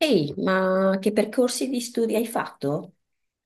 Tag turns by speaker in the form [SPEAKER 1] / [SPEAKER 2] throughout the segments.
[SPEAKER 1] Ehi, ma che percorsi di studi hai fatto?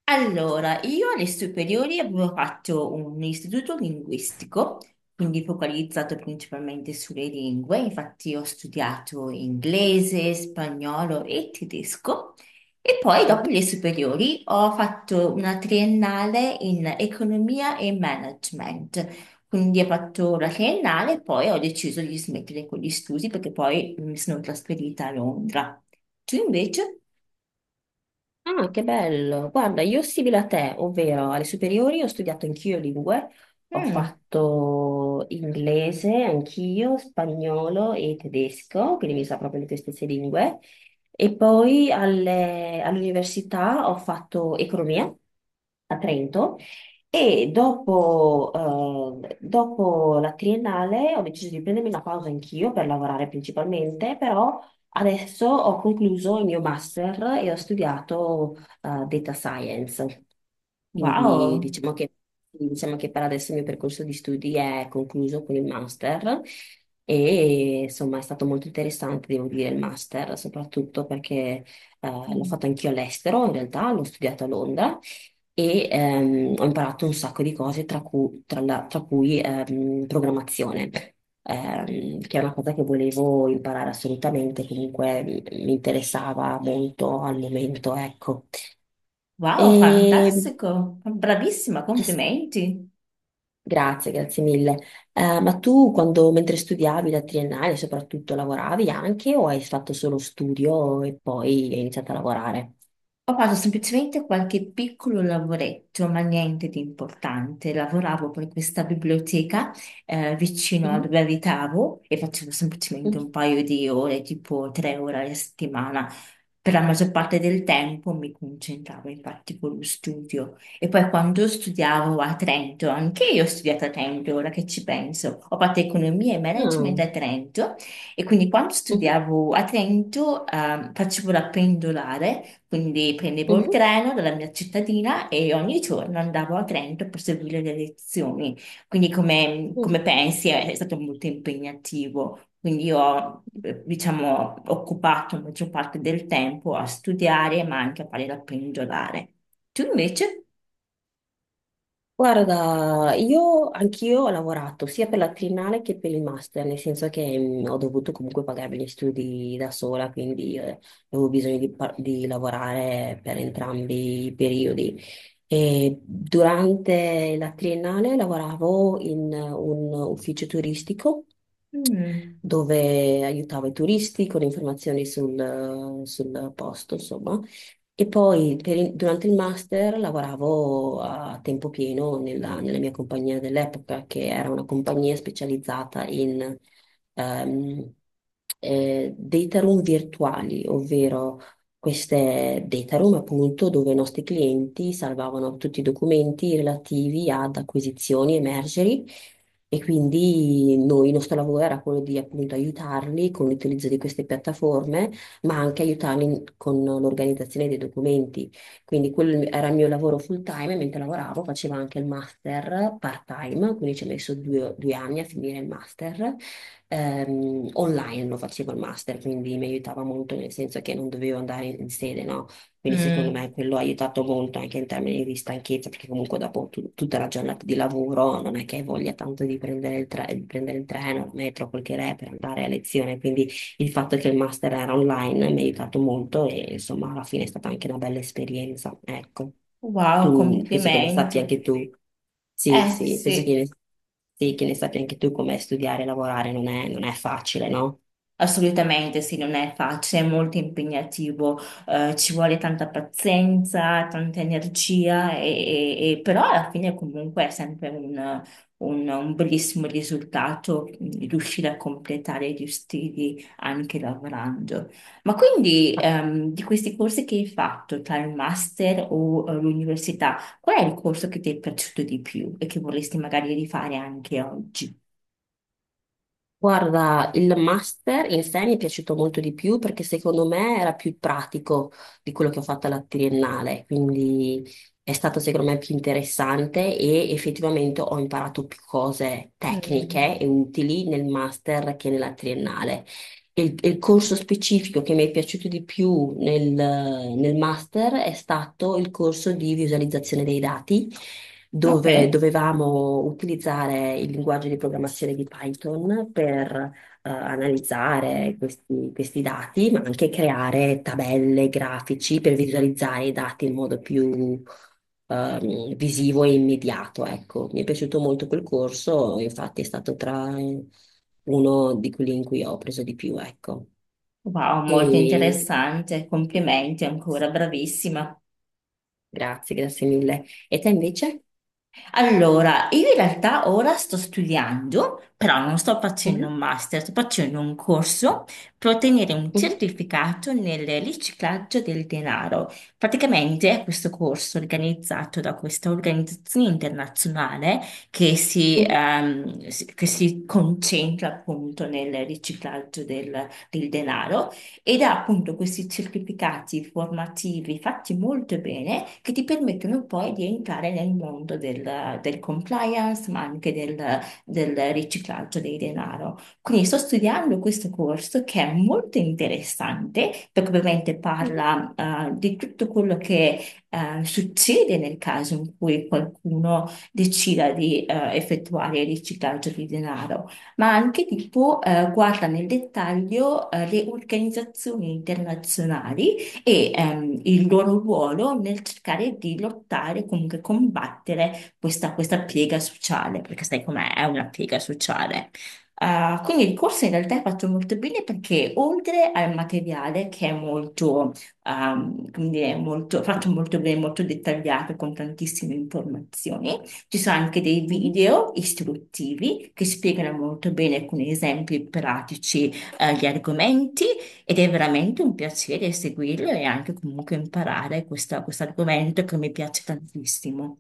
[SPEAKER 2] Allora, io alle superiori avevo fatto un istituto linguistico, quindi focalizzato principalmente sulle lingue, infatti ho studiato inglese, spagnolo e tedesco e poi dopo le superiori ho fatto una triennale in economia e management, quindi ho fatto la triennale e poi ho deciso di smettere con gli studi perché poi mi sono trasferita a Londra. Tu invece?
[SPEAKER 1] Ah, che bello! Guarda, io simile a te, ovvero alle superiori ho studiato anch'io lingue, ho
[SPEAKER 2] Mm.
[SPEAKER 1] fatto inglese anch'io, spagnolo e tedesco, quindi mi sa proprio le tue stesse lingue. E poi all'università ho fatto economia a Trento e dopo, dopo la triennale ho deciso di prendermi una pausa anch'io per lavorare principalmente. Però adesso ho concluso il mio master e ho studiato data science, quindi
[SPEAKER 2] Wow.
[SPEAKER 1] diciamo che per adesso il mio percorso di studi è concluso con il master e insomma è stato molto interessante, devo dire, il master, soprattutto perché eh, l'ho fatto anch'io all'estero, in realtà l'ho studiato a Londra e ho imparato un sacco di cose, tra cui, tra cui, programmazione, che è una cosa che volevo imparare assolutamente, comunque mi interessava molto al momento, ecco.
[SPEAKER 2] Wow,
[SPEAKER 1] E,
[SPEAKER 2] fantastico, bravissima,
[SPEAKER 1] s-
[SPEAKER 2] complimenti.
[SPEAKER 1] grazie, grazie mille. Ma tu, quando, mentre studiavi la triennale, soprattutto lavoravi anche o hai fatto solo studio e poi hai iniziato a lavorare?
[SPEAKER 2] Ho fatto semplicemente qualche piccolo lavoretto, ma niente di importante. Lavoravo per questa biblioteca vicino a
[SPEAKER 1] Mhm.
[SPEAKER 2] dove abitavo e facevo semplicemente
[SPEAKER 1] Mhm.
[SPEAKER 2] un paio di ore, tipo tre ore alla settimana. Per la maggior parte del tempo mi concentravo infatti con lo studio. E poi quando studiavo a Trento, anche io ho studiato a Trento, ora che ci penso, ho fatto economia e management
[SPEAKER 1] Ah.
[SPEAKER 2] a Trento e quindi quando
[SPEAKER 1] Mhm.
[SPEAKER 2] studiavo a Trento facevo la pendolare quindi prendevo il
[SPEAKER 1] Mhm.
[SPEAKER 2] treno dalla mia cittadina e ogni giorno andavo a Trento per seguire le lezioni. Quindi come, come pensi è stato molto impegnativo. Quindi io ho,
[SPEAKER 1] Mhm.
[SPEAKER 2] diciamo, occupato la maggior parte del tempo a studiare, ma anche a fare la pendolare. Tu invece?
[SPEAKER 1] Guarda, io anch'io ho lavorato sia per la triennale che per il master, nel senso che ho dovuto comunque pagarmi gli studi da sola, quindi avevo bisogno di, di lavorare per entrambi i periodi. E durante la triennale lavoravo in un ufficio turistico
[SPEAKER 2] Mm.
[SPEAKER 1] dove aiutavo i turisti con informazioni sul posto, insomma. E poi durante il master lavoravo a tempo pieno nella mia compagnia dell'epoca, che era una compagnia specializzata in ehm, data room virtuali, ovvero queste data room appunto dove i nostri clienti salvavano tutti i documenti relativi ad acquisizioni e mergeri. E quindi noi, il nostro lavoro era quello di appunto aiutarli con l'utilizzo di queste piattaforme ma anche aiutarli con l'organizzazione dei documenti. Quindi quello era il mio lavoro full time, e mentre lavoravo facevo anche il master part time, quindi ci ho messo due anni a finire il master. Online lo facevo il master, quindi mi aiutava molto nel senso che non dovevo andare in sede, no? Quindi secondo
[SPEAKER 2] Mm.
[SPEAKER 1] me quello ha aiutato molto anche in termini di stanchezza, perché comunque dopo tutta la giornata di lavoro non è che hai voglia tanto di prendere di prendere il treno, il metro, quel che è per andare a lezione, quindi il fatto che il master era online mi ha aiutato molto e insomma alla fine è stata anche una bella esperienza, ecco.
[SPEAKER 2] Wow,
[SPEAKER 1] Tu penso che ne sappia
[SPEAKER 2] complimenti.
[SPEAKER 1] anche tu. Sì,
[SPEAKER 2] Eh
[SPEAKER 1] sì,
[SPEAKER 2] sì.
[SPEAKER 1] sì, che ne sappia anche tu come studiare e lavorare non è facile, no?
[SPEAKER 2] Assolutamente, sì, non è facile, è molto impegnativo, ci vuole tanta pazienza, tanta energia, però alla fine comunque è sempre un, un bellissimo risultato mm, riuscire a completare gli stili anche lavorando. Ma quindi di questi corsi che hai fatto tra il master o l'università, qual è il corso che ti è piaciuto di più e che vorresti magari rifare anche oggi?
[SPEAKER 1] Guarda, il master in sé mi è piaciuto molto di più perché secondo me era più pratico di quello che ho fatto alla triennale, quindi è stato secondo me più interessante e effettivamente ho imparato più cose
[SPEAKER 2] Mm.
[SPEAKER 1] tecniche e utili nel master che nella triennale. Il corso specifico che mi è piaciuto di più nel master è stato il corso di visualizzazione dei dati,
[SPEAKER 2] Ok.
[SPEAKER 1] dove dovevamo utilizzare il linguaggio di programmazione di Python per analizzare questi dati, ma anche creare tabelle, grafici per visualizzare i dati in modo più visivo e immediato. Ecco, mi è piaciuto molto quel corso, infatti è stato tra uno di quelli in cui ho preso di più, ecco.
[SPEAKER 2] Wow, molto
[SPEAKER 1] E
[SPEAKER 2] interessante, complimenti ancora, bravissima.
[SPEAKER 1] grazie, grazie mille. E te invece?
[SPEAKER 2] Allora, io in realtà ora sto studiando, però non sto facendo un
[SPEAKER 1] Mhm,
[SPEAKER 2] master, sto facendo un corso per ottenere un
[SPEAKER 1] mhm,
[SPEAKER 2] certificato nel riciclaggio del denaro. Praticamente è questo corso organizzato da questa organizzazione internazionale che
[SPEAKER 1] mhm,
[SPEAKER 2] che si concentra appunto nel riciclaggio del denaro ed ha appunto questi certificati formativi fatti molto bene che ti permettono poi di entrare nel mondo del compliance, ma anche del, del riciclaggio dei denaro. Quindi sto studiando questo corso che è molto interessante perché ovviamente
[SPEAKER 1] mhm,
[SPEAKER 2] parla di tutto quello che succede nel caso in cui qualcuno decida di effettuare il riciclaggio di denaro ma anche tipo guarda nel dettaglio le organizzazioni internazionali e il loro ruolo nel cercare di lottare, comunque combattere questa, questa piega sociale, perché sai com'è, è una piega sociale. Ah, quindi il corso in realtà è fatto molto bene perché oltre al materiale che è molto, come dire, molto, fatto molto bene, molto dettagliato con tantissime informazioni, ci sono anche dei
[SPEAKER 1] mhm.
[SPEAKER 2] video istruttivi che spiegano molto bene con esempi pratici, gli argomenti ed è veramente un piacere seguirlo e anche comunque imparare questo argomento che mi piace tantissimo.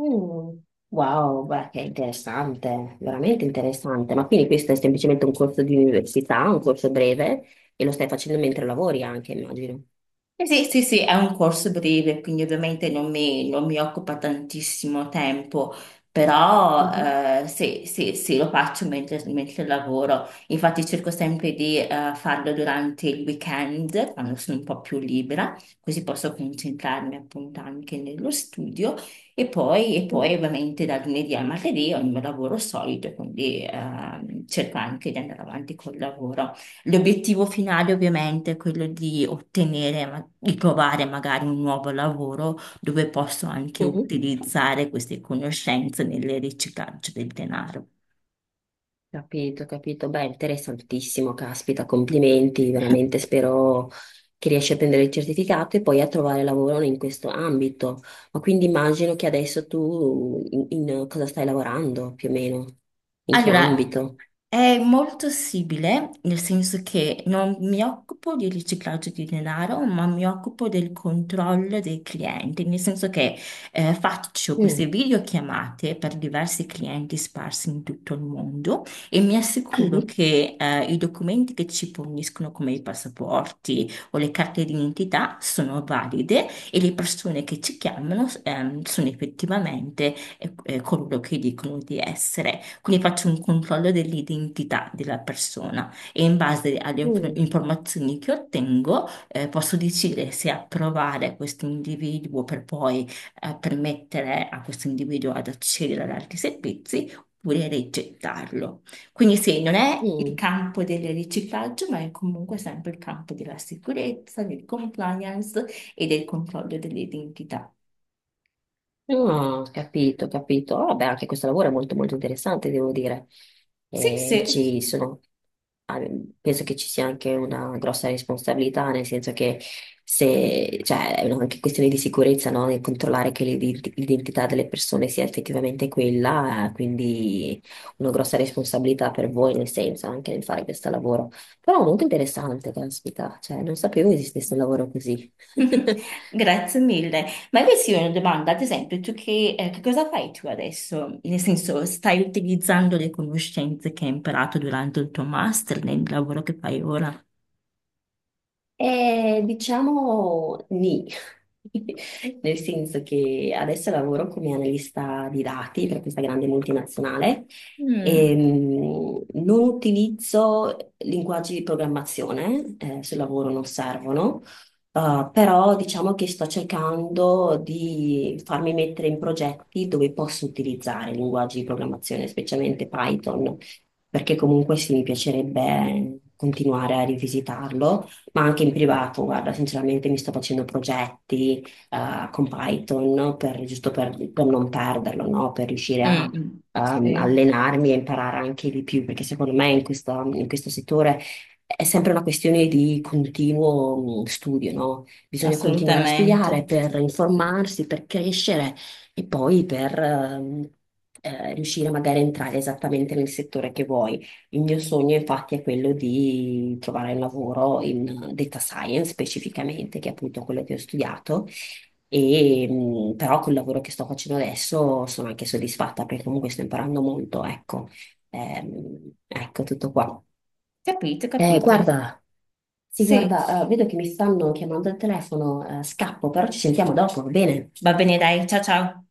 [SPEAKER 1] Mm. Wow, beh, che interessante, veramente interessante. Ma quindi questo è semplicemente un corso di università, un corso breve, e lo stai facendo mentre lavori anche, immagino.
[SPEAKER 2] Eh sì, sì, sì, è un corso breve, quindi ovviamente non mi occupa tantissimo tempo, però
[SPEAKER 1] Mhm,
[SPEAKER 2] sì, sì, sì, lo faccio mentre lavoro. Infatti cerco sempre di farlo durante il weekend, quando sono un po' più libera, così posso concentrarmi appunto anche nello studio e e poi
[SPEAKER 1] mhm,
[SPEAKER 2] ovviamente da lunedì a martedì ho il mio lavoro solito, quindi cerco anche di andare avanti col lavoro. L'obiettivo finale ovviamente è quello di di trovare magari un nuovo lavoro dove posso anche
[SPEAKER 1] mhm.
[SPEAKER 2] utilizzare queste conoscenze nel riciclaggio del denaro.
[SPEAKER 1] Capito, capito. Beh, interessantissimo, caspita, complimenti, veramente spero che riesci a prendere il certificato e poi a trovare lavoro in questo ambito. Ma quindi immagino che adesso tu in cosa stai lavorando più o meno? In che
[SPEAKER 2] Allora,
[SPEAKER 1] ambito?
[SPEAKER 2] è molto simile, nel senso che non mi occupo di riciclaggio di denaro, ma mi occupo del controllo dei clienti, nel senso che faccio queste
[SPEAKER 1] Mm,
[SPEAKER 2] videochiamate per diversi clienti sparsi in tutto il mondo e mi assicuro
[SPEAKER 1] mhm,
[SPEAKER 2] che i documenti che ci forniscono, come i passaporti o le carte d'identità, sono valide e le persone che ci chiamano sono effettivamente coloro che dicono di essere. Quindi faccio un controllo dell'identità della persona e in base alle
[SPEAKER 1] mm,
[SPEAKER 2] informazioni che ottengo, posso decidere se approvare questo individuo per permettere a questo individuo ad accedere ad altri servizi oppure rigettarlo. Quindi sì, non è il
[SPEAKER 1] mm.
[SPEAKER 2] campo del riciclaggio, ma è comunque sempre il campo della sicurezza, del compliance e del controllo dell'identità.
[SPEAKER 1] Ah, capito, capito. Ah, vabbè, anche questo lavoro è molto interessante, devo dire.
[SPEAKER 2] Sì, sì.
[SPEAKER 1] Ci sono, ah, penso che ci sia anche una grossa responsabilità, nel senso che se, cioè, è anche questione di sicurezza, no? Nel controllare che l'identità delle persone sia effettivamente quella, quindi una grossa responsabilità per voi, nel senso, anche nel fare questo lavoro. Però molto interessante, caspita, cioè, non sapevo esistesse un lavoro così.
[SPEAKER 2] Grazie mille. Ma questa è una domanda, ad esempio, tu che cosa fai tu adesso? Nel senso, stai utilizzando le conoscenze che hai imparato durante il tuo master nel lavoro che fai ora?
[SPEAKER 1] Diciamo nì, nel senso che adesso lavoro come analista di dati per questa grande multinazionale e
[SPEAKER 2] Mm,
[SPEAKER 1] non utilizzo linguaggi di programmazione, sul lavoro non servono, però diciamo che sto cercando di farmi mettere in progetti dove posso utilizzare linguaggi di programmazione, specialmente Python, perché comunque sì, mi piacerebbe continuare a rivisitarlo ma anche in privato, guarda, sinceramente mi sto facendo progetti con Python no? Giusto per non perderlo, no? Per riuscire
[SPEAKER 2] mm,
[SPEAKER 1] a
[SPEAKER 2] mm. Sì,
[SPEAKER 1] allenarmi e imparare anche di più, perché secondo me in in questo settore è sempre una questione di continuo mm, studio, no? Bisogna continuare a studiare
[SPEAKER 2] assolutamente.
[SPEAKER 1] per informarsi, per crescere e poi per riuscire magari a entrare esattamente nel settore che vuoi. Il mio sogno infatti è quello di trovare un lavoro in data science specificamente, che è appunto quello che ho studiato, e, però col lavoro che sto facendo adesso sono anche soddisfatta perché comunque sto imparando molto, ecco. Ecco tutto qua.
[SPEAKER 2] Capito, capito.
[SPEAKER 1] Guarda, sì,
[SPEAKER 2] Sì,
[SPEAKER 1] guarda, vedo che mi stanno chiamando al telefono, scappo, però ci sentiamo dopo, va bene?
[SPEAKER 2] va bene, dai, ciao ciao.